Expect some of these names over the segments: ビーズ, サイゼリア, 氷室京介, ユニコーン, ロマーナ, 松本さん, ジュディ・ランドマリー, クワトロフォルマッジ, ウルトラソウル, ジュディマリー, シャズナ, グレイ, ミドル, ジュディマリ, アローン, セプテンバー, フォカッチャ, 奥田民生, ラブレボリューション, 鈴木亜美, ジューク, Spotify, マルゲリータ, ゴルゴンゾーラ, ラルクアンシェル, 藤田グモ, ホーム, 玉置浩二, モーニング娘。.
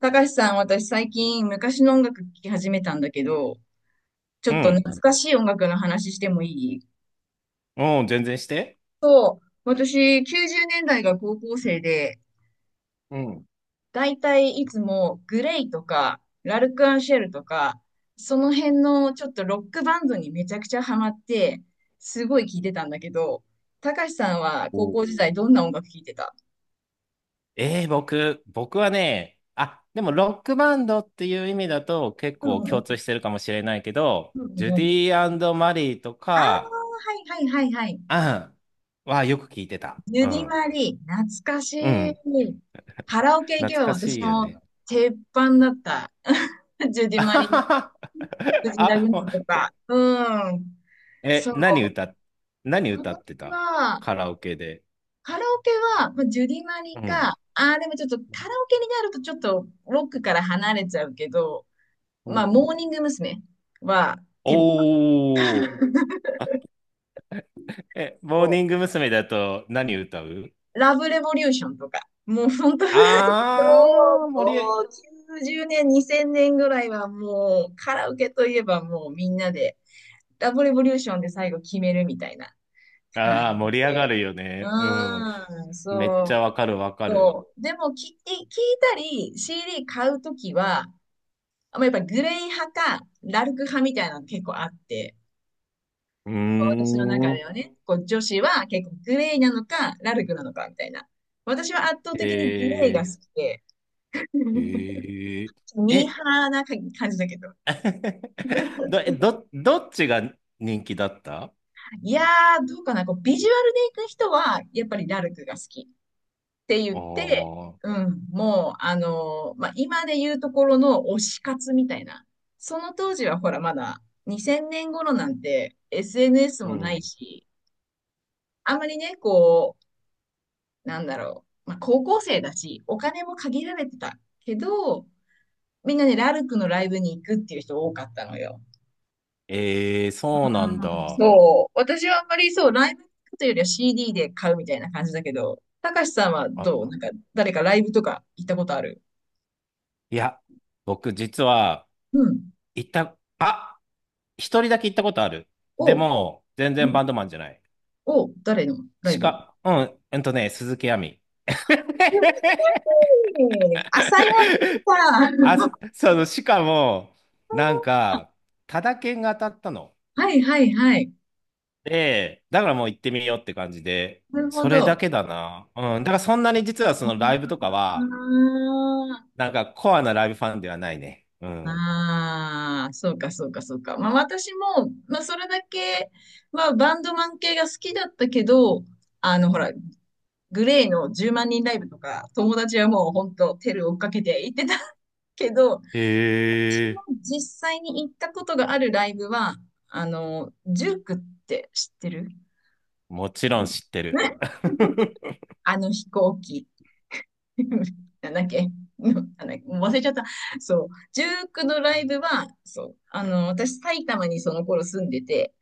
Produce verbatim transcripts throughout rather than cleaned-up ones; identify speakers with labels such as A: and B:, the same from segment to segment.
A: たかしさん、私最近昔の音楽聴き始めたんだけど、ち
B: う
A: ょっと
B: ん。
A: 懐かしい音楽の話してもいい？
B: うん、全然して。
A: 私、きゅうじゅうねんだいが高校生で、
B: うん。
A: だいたいいつもグレイとか、ラルクアンシェルとか、その辺のちょっとロックバンドにめちゃくちゃハマって、すごい聴いてたんだけど、たかしさんは
B: お
A: 高
B: ー
A: 校時代どんな音楽聴いてた？
B: えー、僕、僕はね、あ、でもロックバンドっていう意味だと結
A: う
B: 構共通
A: ん
B: してるかもしれないけど、
A: うんう
B: ジ
A: ん
B: ュ
A: う
B: デ
A: ん。
B: ィマリーと
A: ああ、
B: か、
A: はいはいはいはい。
B: あんはよく聞いてた。
A: ゆ
B: う
A: り
B: ん。
A: まり、懐かし
B: う
A: い。
B: ん。
A: カラオケ行け
B: 懐
A: ば
B: か
A: 私
B: しいよ
A: の
B: ね。
A: 鉄板だった。ジュディ
B: あ
A: マ
B: は
A: リ、
B: はは
A: 藤田グ
B: あもう
A: モとか。
B: こ、
A: うん。
B: え、
A: そう。
B: 何歌、何歌って
A: 私
B: た、
A: は、
B: カラオケで？
A: カラオケは、まあ、ジュディマ
B: う
A: リか、
B: ん。
A: ああ、でもちょっとカラオケになるとちょっとロックから離れちゃうけど、
B: う
A: まあ、
B: ん
A: モーニング娘。は、鉄板
B: おー。え、モー
A: を、
B: ニング娘。だと何歌う？
A: ラブレボリューションとか、もう本当も
B: あー、
A: う、
B: 盛り、
A: こう、ゼロねん、にせんねんぐらいはもう、カラオケといえばもうみんなで、ラブレボリューションで最後決めるみたいな。
B: あー、盛り
A: で
B: 上がるよ
A: う
B: ね。うん。
A: ーん、
B: めっちゃ
A: そ
B: わかるわかる。
A: う。でも、聞い聞いたり、シーディー 買うときは、まあやっぱグレイ派か、ラルク派みたいなの結構あって、
B: うー
A: 私の中では
B: ん。
A: ね、こう女子は結構グレイなのか、ラルクなのかみたいな。私は圧倒的にグレイが好
B: え
A: きで、
B: ー、えー、
A: ミー
B: え、
A: ハーな感じだけど。
B: ど、えど、どっちが人気だった？あ
A: いやー、どうかな、こう、ビジュアルで行く人は、やっぱりラルクが好きって
B: あ
A: 言って、う
B: ー、
A: ん、もう、あのーまあ、今で言うところの推し活みたいな。その当時は、ほら、まだにせんねん頃なんて エスエヌエス
B: う
A: もない
B: ん。
A: し、あんまりね、こう、なんだろう、まあ、高校生だし、お金も限られてたけど、みんなね、ラルクのライブに行くっていう人多かったのよ。
B: えー、そうなんだ。
A: そう。私はあんまりそう、ライブというよりは シーディー で買うみたいな感じだけど、たかしさんはどう
B: あ、
A: なんか、誰かライブとか行ったことある？
B: いや、僕実は、
A: うん。
B: 行った、あ、一人だけ行ったことある。で
A: お、
B: も、全
A: う
B: 然
A: ん
B: バンドマンじゃない。
A: お、誰のライ
B: し
A: ブ？
B: か、うん、えっとね、鈴木亜美。
A: 朝やさん。
B: あ、その、しかも、なんか、タダ券が当たったの。
A: はいはいはい。
B: で、だからもう行ってみようって感じで、
A: なるほ
B: それだ
A: ど。
B: けだな。うん。だからそんなに実はそのライブ
A: あ
B: とかは、
A: あ、
B: なんかコアなライブファンではないね。うん。
A: ああ、そうかそうかそうか。まあ私も、まあそれだけはバンドマン系が好きだったけど、あのほら、グレーのじゅうまん人ライブとか、友達はもう本当テル追っかけて行ってたけど、
B: へ
A: 私も
B: え、
A: 実際に行ったことがあるライブは、あの、ジュークって知ってる？
B: もち
A: う
B: ろん
A: ん
B: 知ってる。
A: ね あの飛行機。なんだっけのなんだっけもう忘れちゃった。そう。ジュークのライブは、そう。あの、私、埼玉にその頃住んでて、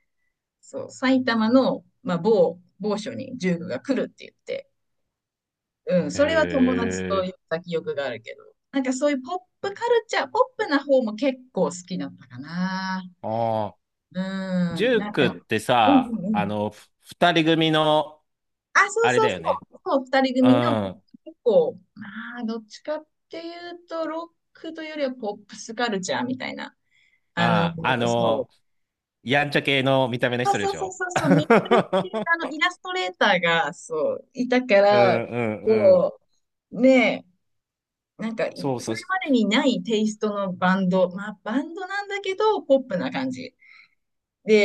A: そう。埼玉の、まあ、某、某所にジュークが来るって言って、うん、
B: へ
A: それは友達と行っ
B: え、
A: た記憶があるけど。なんかそういうポップカルチャー、ポップな方も結構好きだったかな。
B: ああ、
A: う
B: ジ
A: ん、
B: ュ
A: な
B: ー
A: ん
B: クっ
A: か、
B: て
A: うんう
B: さ、
A: んう
B: あ
A: ん。
B: の、ふ二人組の、
A: あ、そう
B: あれ
A: そ
B: だ
A: うそ
B: よね。
A: う、そう、二人
B: うん。
A: 組の
B: あ
A: 結構、まあ、どっちかっていうと、ロックというよりはポップスカルチャーみたいな。あの、
B: あ、あ
A: そ
B: の、
A: う。
B: やんちゃ系の見た目の
A: そう
B: 人で
A: そ
B: し
A: うそう
B: ょ？
A: そうそう、ミドルっていう あのイラストレーターが、そう、いたか
B: う
A: ら、
B: んうんうん。
A: こう、ねえ、なんかい、
B: そう
A: そ
B: そう。
A: れまでにないテイストのバンド。まあ、バンドなんだけど、ポップな感じ。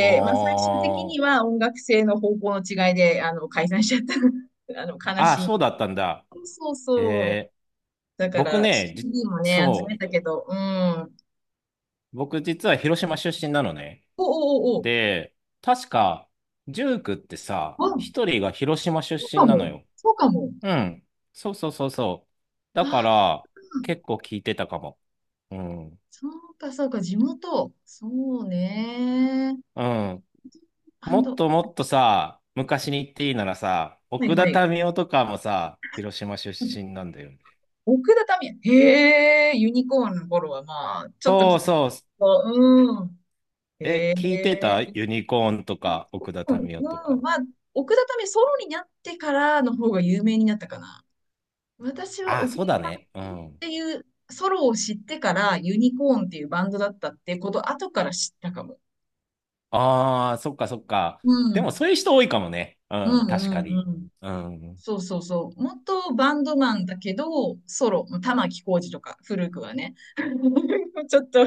B: あ
A: まあ、最終的には音楽性の方向の違いで、あの、解散しちゃった。あの、悲
B: あ。あ、
A: しい。
B: そうだったんだ。
A: そうそう。
B: えー、
A: だか
B: 僕
A: ら、
B: ね、じ、
A: シーディー もね、集
B: そ
A: め
B: う。
A: たけど、うん。
B: 僕実は広島出身なのね。
A: おおお
B: で、確か、ジュー区ってさ、
A: お。あ、
B: 一人が広島出
A: そうか
B: 身なの
A: も。
B: よ。
A: そうかも。
B: うん。そうそうそうそう。だか
A: ああ、
B: ら、結構聞いてたかも。うん。
A: そうか、そうか、地元。そうね。
B: うん。
A: バ
B: も
A: ン
B: っ
A: ド。
B: ともっとさ、昔に言っていいならさ、
A: はい
B: 奥田
A: はい。
B: 民生とかもさ、広島出身なんだよね。
A: 奥田民生。へえ、ユニコーンの頃はまあ、ちょっとき
B: そ
A: っ
B: うそう
A: と、うん。へ
B: え、聞いてた
A: え、
B: ユニコーンとか、奥田
A: うん、
B: 民生と
A: うん。
B: か。
A: まあ、奥田民生ソロになってからの方が有名になったかな。私は
B: ああ、
A: 奥
B: そう
A: 田
B: だね。う
A: さんっ
B: ん。
A: ていうソロを知ってからユニコーンっていうバンドだったってこと後から知ったかも。
B: ああ、そっかそっか。
A: う
B: でも
A: ん。
B: そういう人多いかもね。
A: う
B: うん、確
A: ん
B: か
A: うん
B: に。
A: うん。
B: うん。
A: そうそうそう。元バンドマンだけど、ソロ、玉置浩二とか、古くはね。ちょっと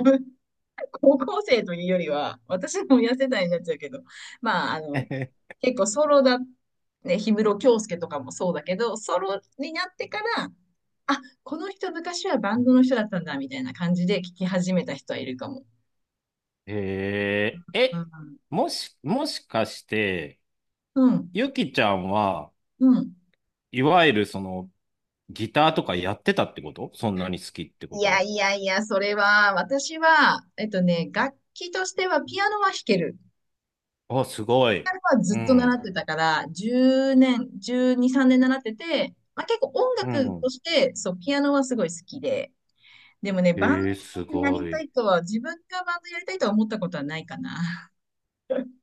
A: 高校生と いうよりは、私も痩せたになっちゃうけど、まあ、あの、結構ソロだ、ね、氷室京介とかもそうだけど、ソロになってから、あ、この人昔はバンドの人だったんだ、みたいな感じで聞き始めた人はいるかも。
B: えー、
A: う
B: え、
A: ん。
B: もし、もしかして、
A: うん。
B: ゆきちゃんは、いわゆるその、ギターとかやってたってこと、そんなに好きってこ
A: い
B: と
A: や
B: は？
A: いやいや、それは、私は、えっとね、楽器としてはピアノは弾ける。
B: あ、すご
A: ピア
B: い。
A: ノはず
B: う
A: っと習
B: ん。
A: ってたから、じゅうねん、じゅうに、さんねん習ってて、まあ、結構音
B: う
A: 楽と
B: ん。
A: して、そう、ピアノはすごい好きで、でもね、
B: え
A: バン
B: ー、す
A: ドになり
B: ご
A: た
B: い。
A: いとは、自分がバンドやりたいとは思ったことはないかな。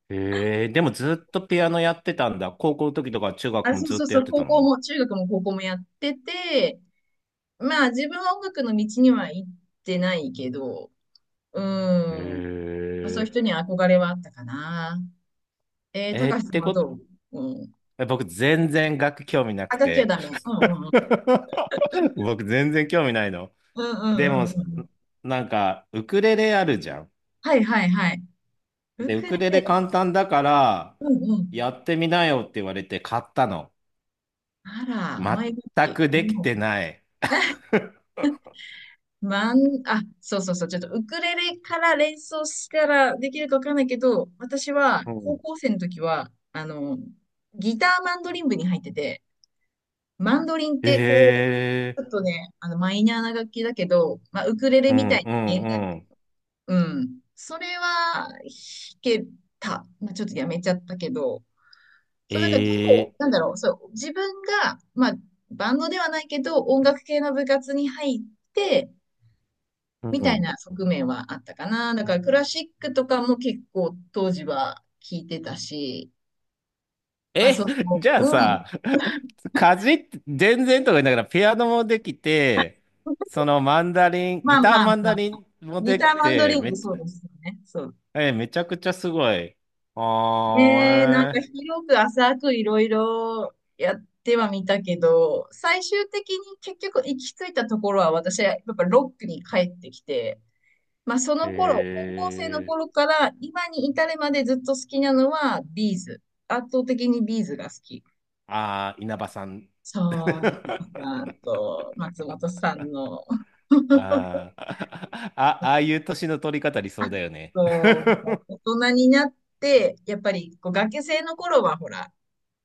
B: ええ、でもずっとピアノやってたんだ。高校の時とか中学
A: あ、
B: も
A: そう
B: ずっ
A: そう
B: とやっ
A: そう、
B: てた
A: 高校
B: の？
A: も、中学も高校もやってて、まあ自分は音楽の道には行ってないけど、うん、
B: え
A: まあ、そういう人には憧れはあったかな。えー、
B: え、えー
A: 高
B: っ
A: 橋さん
B: て
A: は
B: こと、
A: どう？うん。
B: え僕全然楽器興味な
A: あ、
B: く
A: 楽器は
B: て。
A: ダメ。うんうんうん。
B: 僕全然興味ないの。
A: うんう
B: でも、
A: んうんうん。
B: なんか、ウクレレあるじゃん。
A: はいはいはい。
B: で、
A: ウ
B: ウ
A: クレ
B: クレレ
A: レ。
B: 簡単だから、
A: うんうん。
B: やってみなよって言われて買ったの。
A: あら、マイ楽
B: 全
A: 器。
B: くでき
A: う
B: て
A: ん
B: ない。
A: マン、あ、そうそうそう、ちょっとウクレレから連想したらできるかわかんないけど、私は
B: う
A: 高
B: ん。
A: 校生の時は、あの、ギターマンドリン部に入ってて、マンドリンってこう、
B: ええ、
A: ちょっとね、あの、マイナーな楽器だけど、まあ、ウクレ
B: う
A: レみ
B: ん
A: たい
B: う
A: に弦楽
B: ん
A: 器、
B: うん。
A: うん。それは弾けた。まあ、ちょっとやめちゃったけど、そ
B: え
A: う、だから結
B: え、
A: 構、なんだろう、そう、自分が、まあ、バンドではないけど、音楽系の部活に入って、
B: う
A: みたい
B: ん。
A: な側面はあったかな。だからクラシックとかも結構当時は聴いてたし、まあ
B: え、
A: そ
B: じゃあ
A: う、うん。
B: さ、かじって、全然とか言いながら、ピアノもできて、そのマンダリン、
A: ま
B: ギ
A: あ
B: ター
A: まあ
B: マン
A: ま
B: ダ
A: あ、
B: リンも
A: ギ
B: で
A: タ
B: き
A: ーマンド
B: て、
A: リン
B: め
A: グ
B: っち
A: そう
B: ゃ、
A: ですよね。そう。
B: え、めちゃくちゃすごい。
A: ねえ、なんか
B: あ
A: 広く浅くいろいろやってはみたけど、最終的に結局行き着いたところは私はやっぱロックに帰ってきて、まあそ
B: ー、
A: の頃、
B: え
A: 高校生の
B: ー、へ
A: 頃から今に至るまでずっと好きなのはビーズ。圧倒的にビーズが好き。
B: あー、稲葉さん。
A: そう、皆さんと松本さんの、
B: あー、あ、ああいう年の取り方理想
A: あ、
B: だよね。
A: こう、も う大人になって、やっぱりこう学生の頃はほら、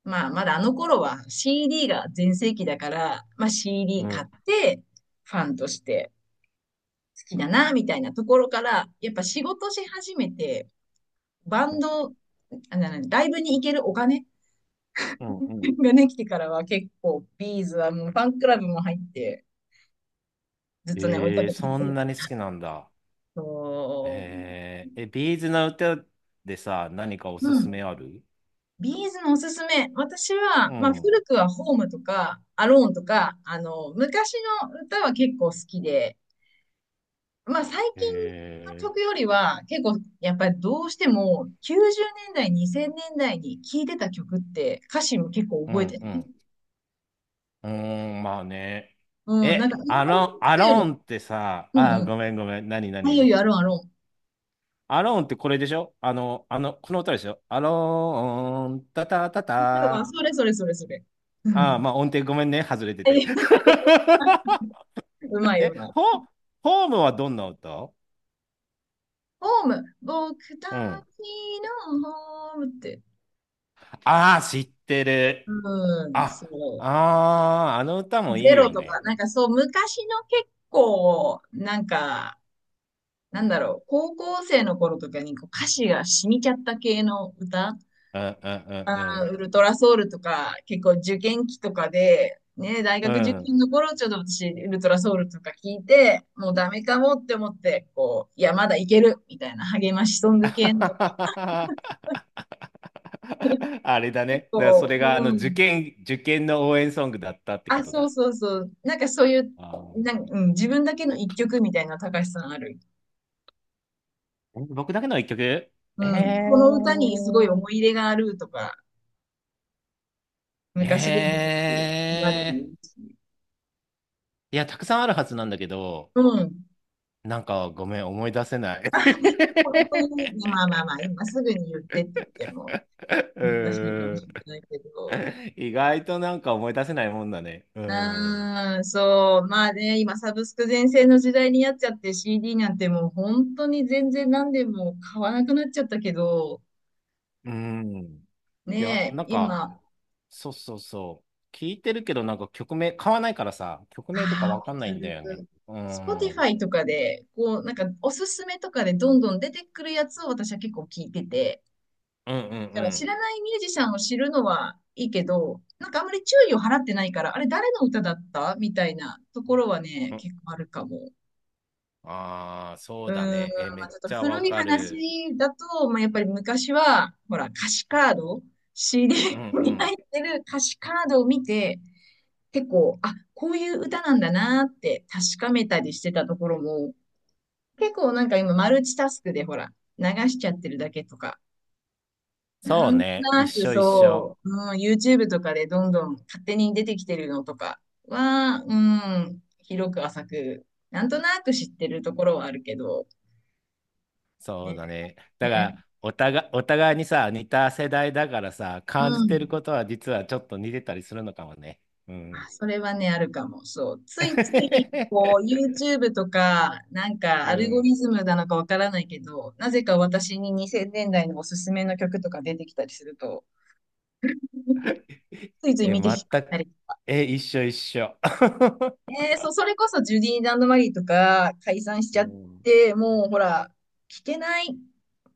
A: まあまだあの頃は シーディー が全盛期だから、まあ
B: う
A: シーディー 買
B: ん、
A: ってファンとして好きだな、みたいなところから、やっぱ仕事し始めて、バンド、あななライブに行けるお金
B: うん、うん。
A: がね、来てからは結構ビーズはもうファンクラブも入って、ずっとね、追いか
B: えー、
A: けていっ
B: そ
A: て
B: ん
A: る
B: な
A: か
B: に好き
A: ら。
B: なんだ。
A: そう。
B: へえ、え、ビーズの歌でさ、何かお
A: う
B: すす
A: ん
B: めある？
A: ビーズのおすすめ。私は、
B: う
A: まあ、
B: ん。
A: 古くはホームとか、アローンとか、あの、昔の歌は結構好きで、まあ、最
B: へ
A: 近の
B: え、
A: 曲よりは、結構、やっぱりどうしても、きゅうじゅうねんだい、にせんねんだいに聴いてた曲って、歌詞も結構
B: う
A: 覚えて
B: ん
A: る。
B: うん。うーん、まあね。
A: うん、なんか、
B: え、
A: 今
B: ア
A: の曲
B: ロン、ア
A: より、
B: ロンってさ、
A: うん
B: あ、
A: うん。
B: ごめんごめん。何
A: あ、いよい
B: 何
A: よ、アローン、アローン。
B: アローンってこれでしょ、あの、あの、この歌でしょ？アローン、タタタ
A: だから
B: タ。
A: それそれそれそれ。う
B: ああ、
A: ん。
B: まあ音程ごめんね。外れてて。
A: うまいう
B: え、
A: ま
B: ホ、
A: い。
B: ホームはどんな歌？
A: ホーム、僕たち
B: うん。
A: のホームって。
B: ああ、知ってる。
A: うん、そ
B: あ、あ
A: う。
B: あ、あの歌もい
A: ゼ
B: い
A: ロ
B: よ
A: とか、
B: ね。
A: なんかそう、昔の結構、なんか、なんだろう、高校生の頃とかにこう歌詞が染みちゃった系の歌、
B: うんう
A: あ
B: ん
A: ウルトラソウルとか、結構受験期とかで、ね、大
B: うん
A: 学
B: う
A: 受
B: ん。うん。
A: 験の頃、ちょっと私、ウルトラソウルとか聞いて、もうダメかもって思って、こう、いや、まだいける、みたいな励ましソング系のとか、
B: あれだ
A: 結
B: ね。だからそ
A: 構、
B: れがあの
A: う
B: 受
A: ん。
B: 験、受験の応援ソングだったってこ
A: あ、
B: と
A: そう
B: だ。
A: そうそう。なんかそういう、
B: あー
A: なんうん、自分だけの一曲みたいな、高橋さんある。
B: え僕だけの一曲？え
A: うん、この歌にすごい
B: ー、
A: 思い入れがあるとか、昔でもいいし、言われる
B: え
A: し。
B: ー、いや、たくさんあるはずなんだけど、
A: うん。
B: なんかごめん、思い出せない。
A: これという、まあまあまあ、今すぐに言ってって言っても
B: う
A: 難しいかも
B: ー
A: し
B: ん。
A: れないけど。
B: 意外となんか思い出せないもんだね。う
A: う
B: ん。
A: ーん、そう。まあね、今サブスク全盛の時代になっちゃって シーディー なんてもう本当に全然何でも買わなくなっちゃったけど、
B: うん。いや、
A: ねえ、
B: なんか、
A: 今
B: そうそうそう。聞いてるけど、なんか曲名、買わないからさ、曲名とか
A: ああ、わ
B: わかんな
A: か
B: いんだ
A: る。
B: よね。うん。う
A: Spotify とかで、こう、なんか、おすすめとかでどんどん出てくるやつを私は結構聞いてて、
B: んうん
A: だから知
B: う
A: らないミュージシャンを知るのはいいけど、なんかあんまり注意を払ってないから、あれ誰の歌だったみたいなところはね、
B: ん。うん
A: 結構あるかも。
B: ああ、そ
A: う
B: う
A: ー
B: だ
A: ん、ま
B: ね。え、め
A: あ、
B: っ
A: ちょっと
B: ちゃわ
A: 古い
B: かる。
A: 話だと、まあ、やっぱり昔は、ほら、歌詞カード、
B: うんう
A: シーディー に入
B: ん。
A: ってる歌詞カードを見て、結構、あ、こういう歌なんだなって確かめたりしてたところも、結構なんか今マルチタスクでほら、流しちゃってるだけとか、
B: そ
A: な
B: う
A: んと
B: ね。一
A: なく
B: 緒一緒。
A: そう、うん、YouTube とかでどんどん勝手に出てきてるのとかは、うん、広く浅く、なんとなく知ってるところはあるけど、
B: そう
A: ね、
B: だね。だか
A: ね
B: ら、お互い、お互いにさ、似た世代だからさ、
A: う
B: 感じてる
A: ん。
B: ことは実はちょっと似てたりするのかもね。うん。
A: まあ、それはね、あるかも。そう。ついつい、こう、YouTube とか、なんか、
B: う
A: アルゴ
B: ん。
A: リズムなのかわからないけど、なぜか私ににせんねんだいのおすすめの曲とか出てきたりすると、ついつい
B: え、
A: 見てしまっ
B: 全
A: た
B: く。
A: り。
B: え、一緒一緒。
A: ね、そう、それこそジュディ・ランドマリーとか解散し
B: う
A: ちゃっ
B: ん
A: て、もうほら、聞けない、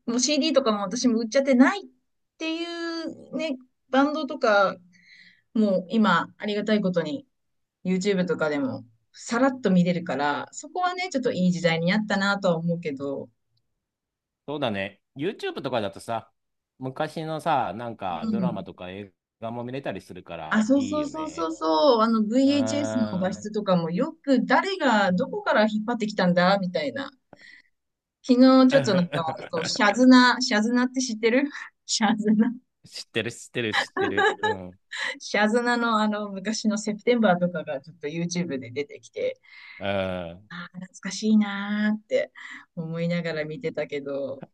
A: もう シーディー とかも私も売っちゃってないっていうね、バンドとか、もう今、ありがたいことに YouTube とかでもさらっと見れるから、そこはね、ちょっといい時代になったなとは思うけど、
B: そうだね。YouTube とかだとさ、昔のさ、なん
A: う
B: かドラマ
A: ん。
B: とか映画も見れたりするか
A: あ、
B: ら
A: そう
B: いい
A: そう
B: よ
A: そうそう
B: ね。
A: そう、あの
B: う
A: ブイエイチエス の画
B: ー
A: 質
B: ん。
A: とかもよく誰がどこから引っ張ってきたんだみたいな。昨日ちょっとなんか、そう、シャズナ、シャズナって知ってる シャズナ、
B: 知ってる、知ってる、知ってる。うん。
A: シャズナのあの昔のセプテンバーとかがちょっと YouTube で出てきて、
B: うん。
A: ああ、懐かしいなーって思いながら見てたけど、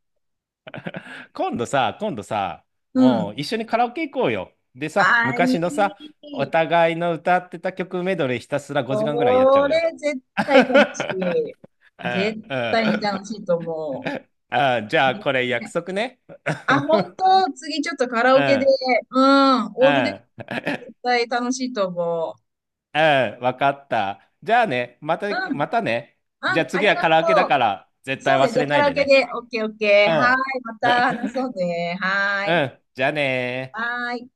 B: 今度さ、今度さ、
A: う
B: も
A: ん。
B: う一緒にカラオケ行こうよ。でさ、
A: ああ、
B: 昔
A: い
B: のさ、お
A: い。
B: 互いの歌ってた曲メドレーひたすらごじかんぐらいやっちゃお
A: こ
B: うよ。
A: れ絶対 楽しい。
B: うん
A: 絶
B: う
A: 対に楽
B: ん
A: しいと思
B: あ、じゃ
A: う。
B: あこれ約
A: ね
B: 束ね。
A: あ、本当、次ちょっとカラ
B: う
A: オケで、
B: ん、
A: うん、
B: う
A: オールで
B: ん。
A: 絶対楽しいと思う。
B: うん、わかった。じゃあね、また、
A: うん、
B: またね。
A: あ、
B: じゃあ
A: あ
B: 次
A: り
B: は
A: が
B: カラオケだ
A: と
B: から、
A: う。
B: 絶対
A: そうね、
B: 忘
A: じゃあ
B: れ
A: カ
B: ない
A: ラオ
B: で
A: ケ
B: ね。
A: で、オッケーオッケー。
B: う
A: は
B: ん。
A: ーい、また話そう ね。はー
B: う
A: い。
B: ん、じゃあねー。
A: はーい。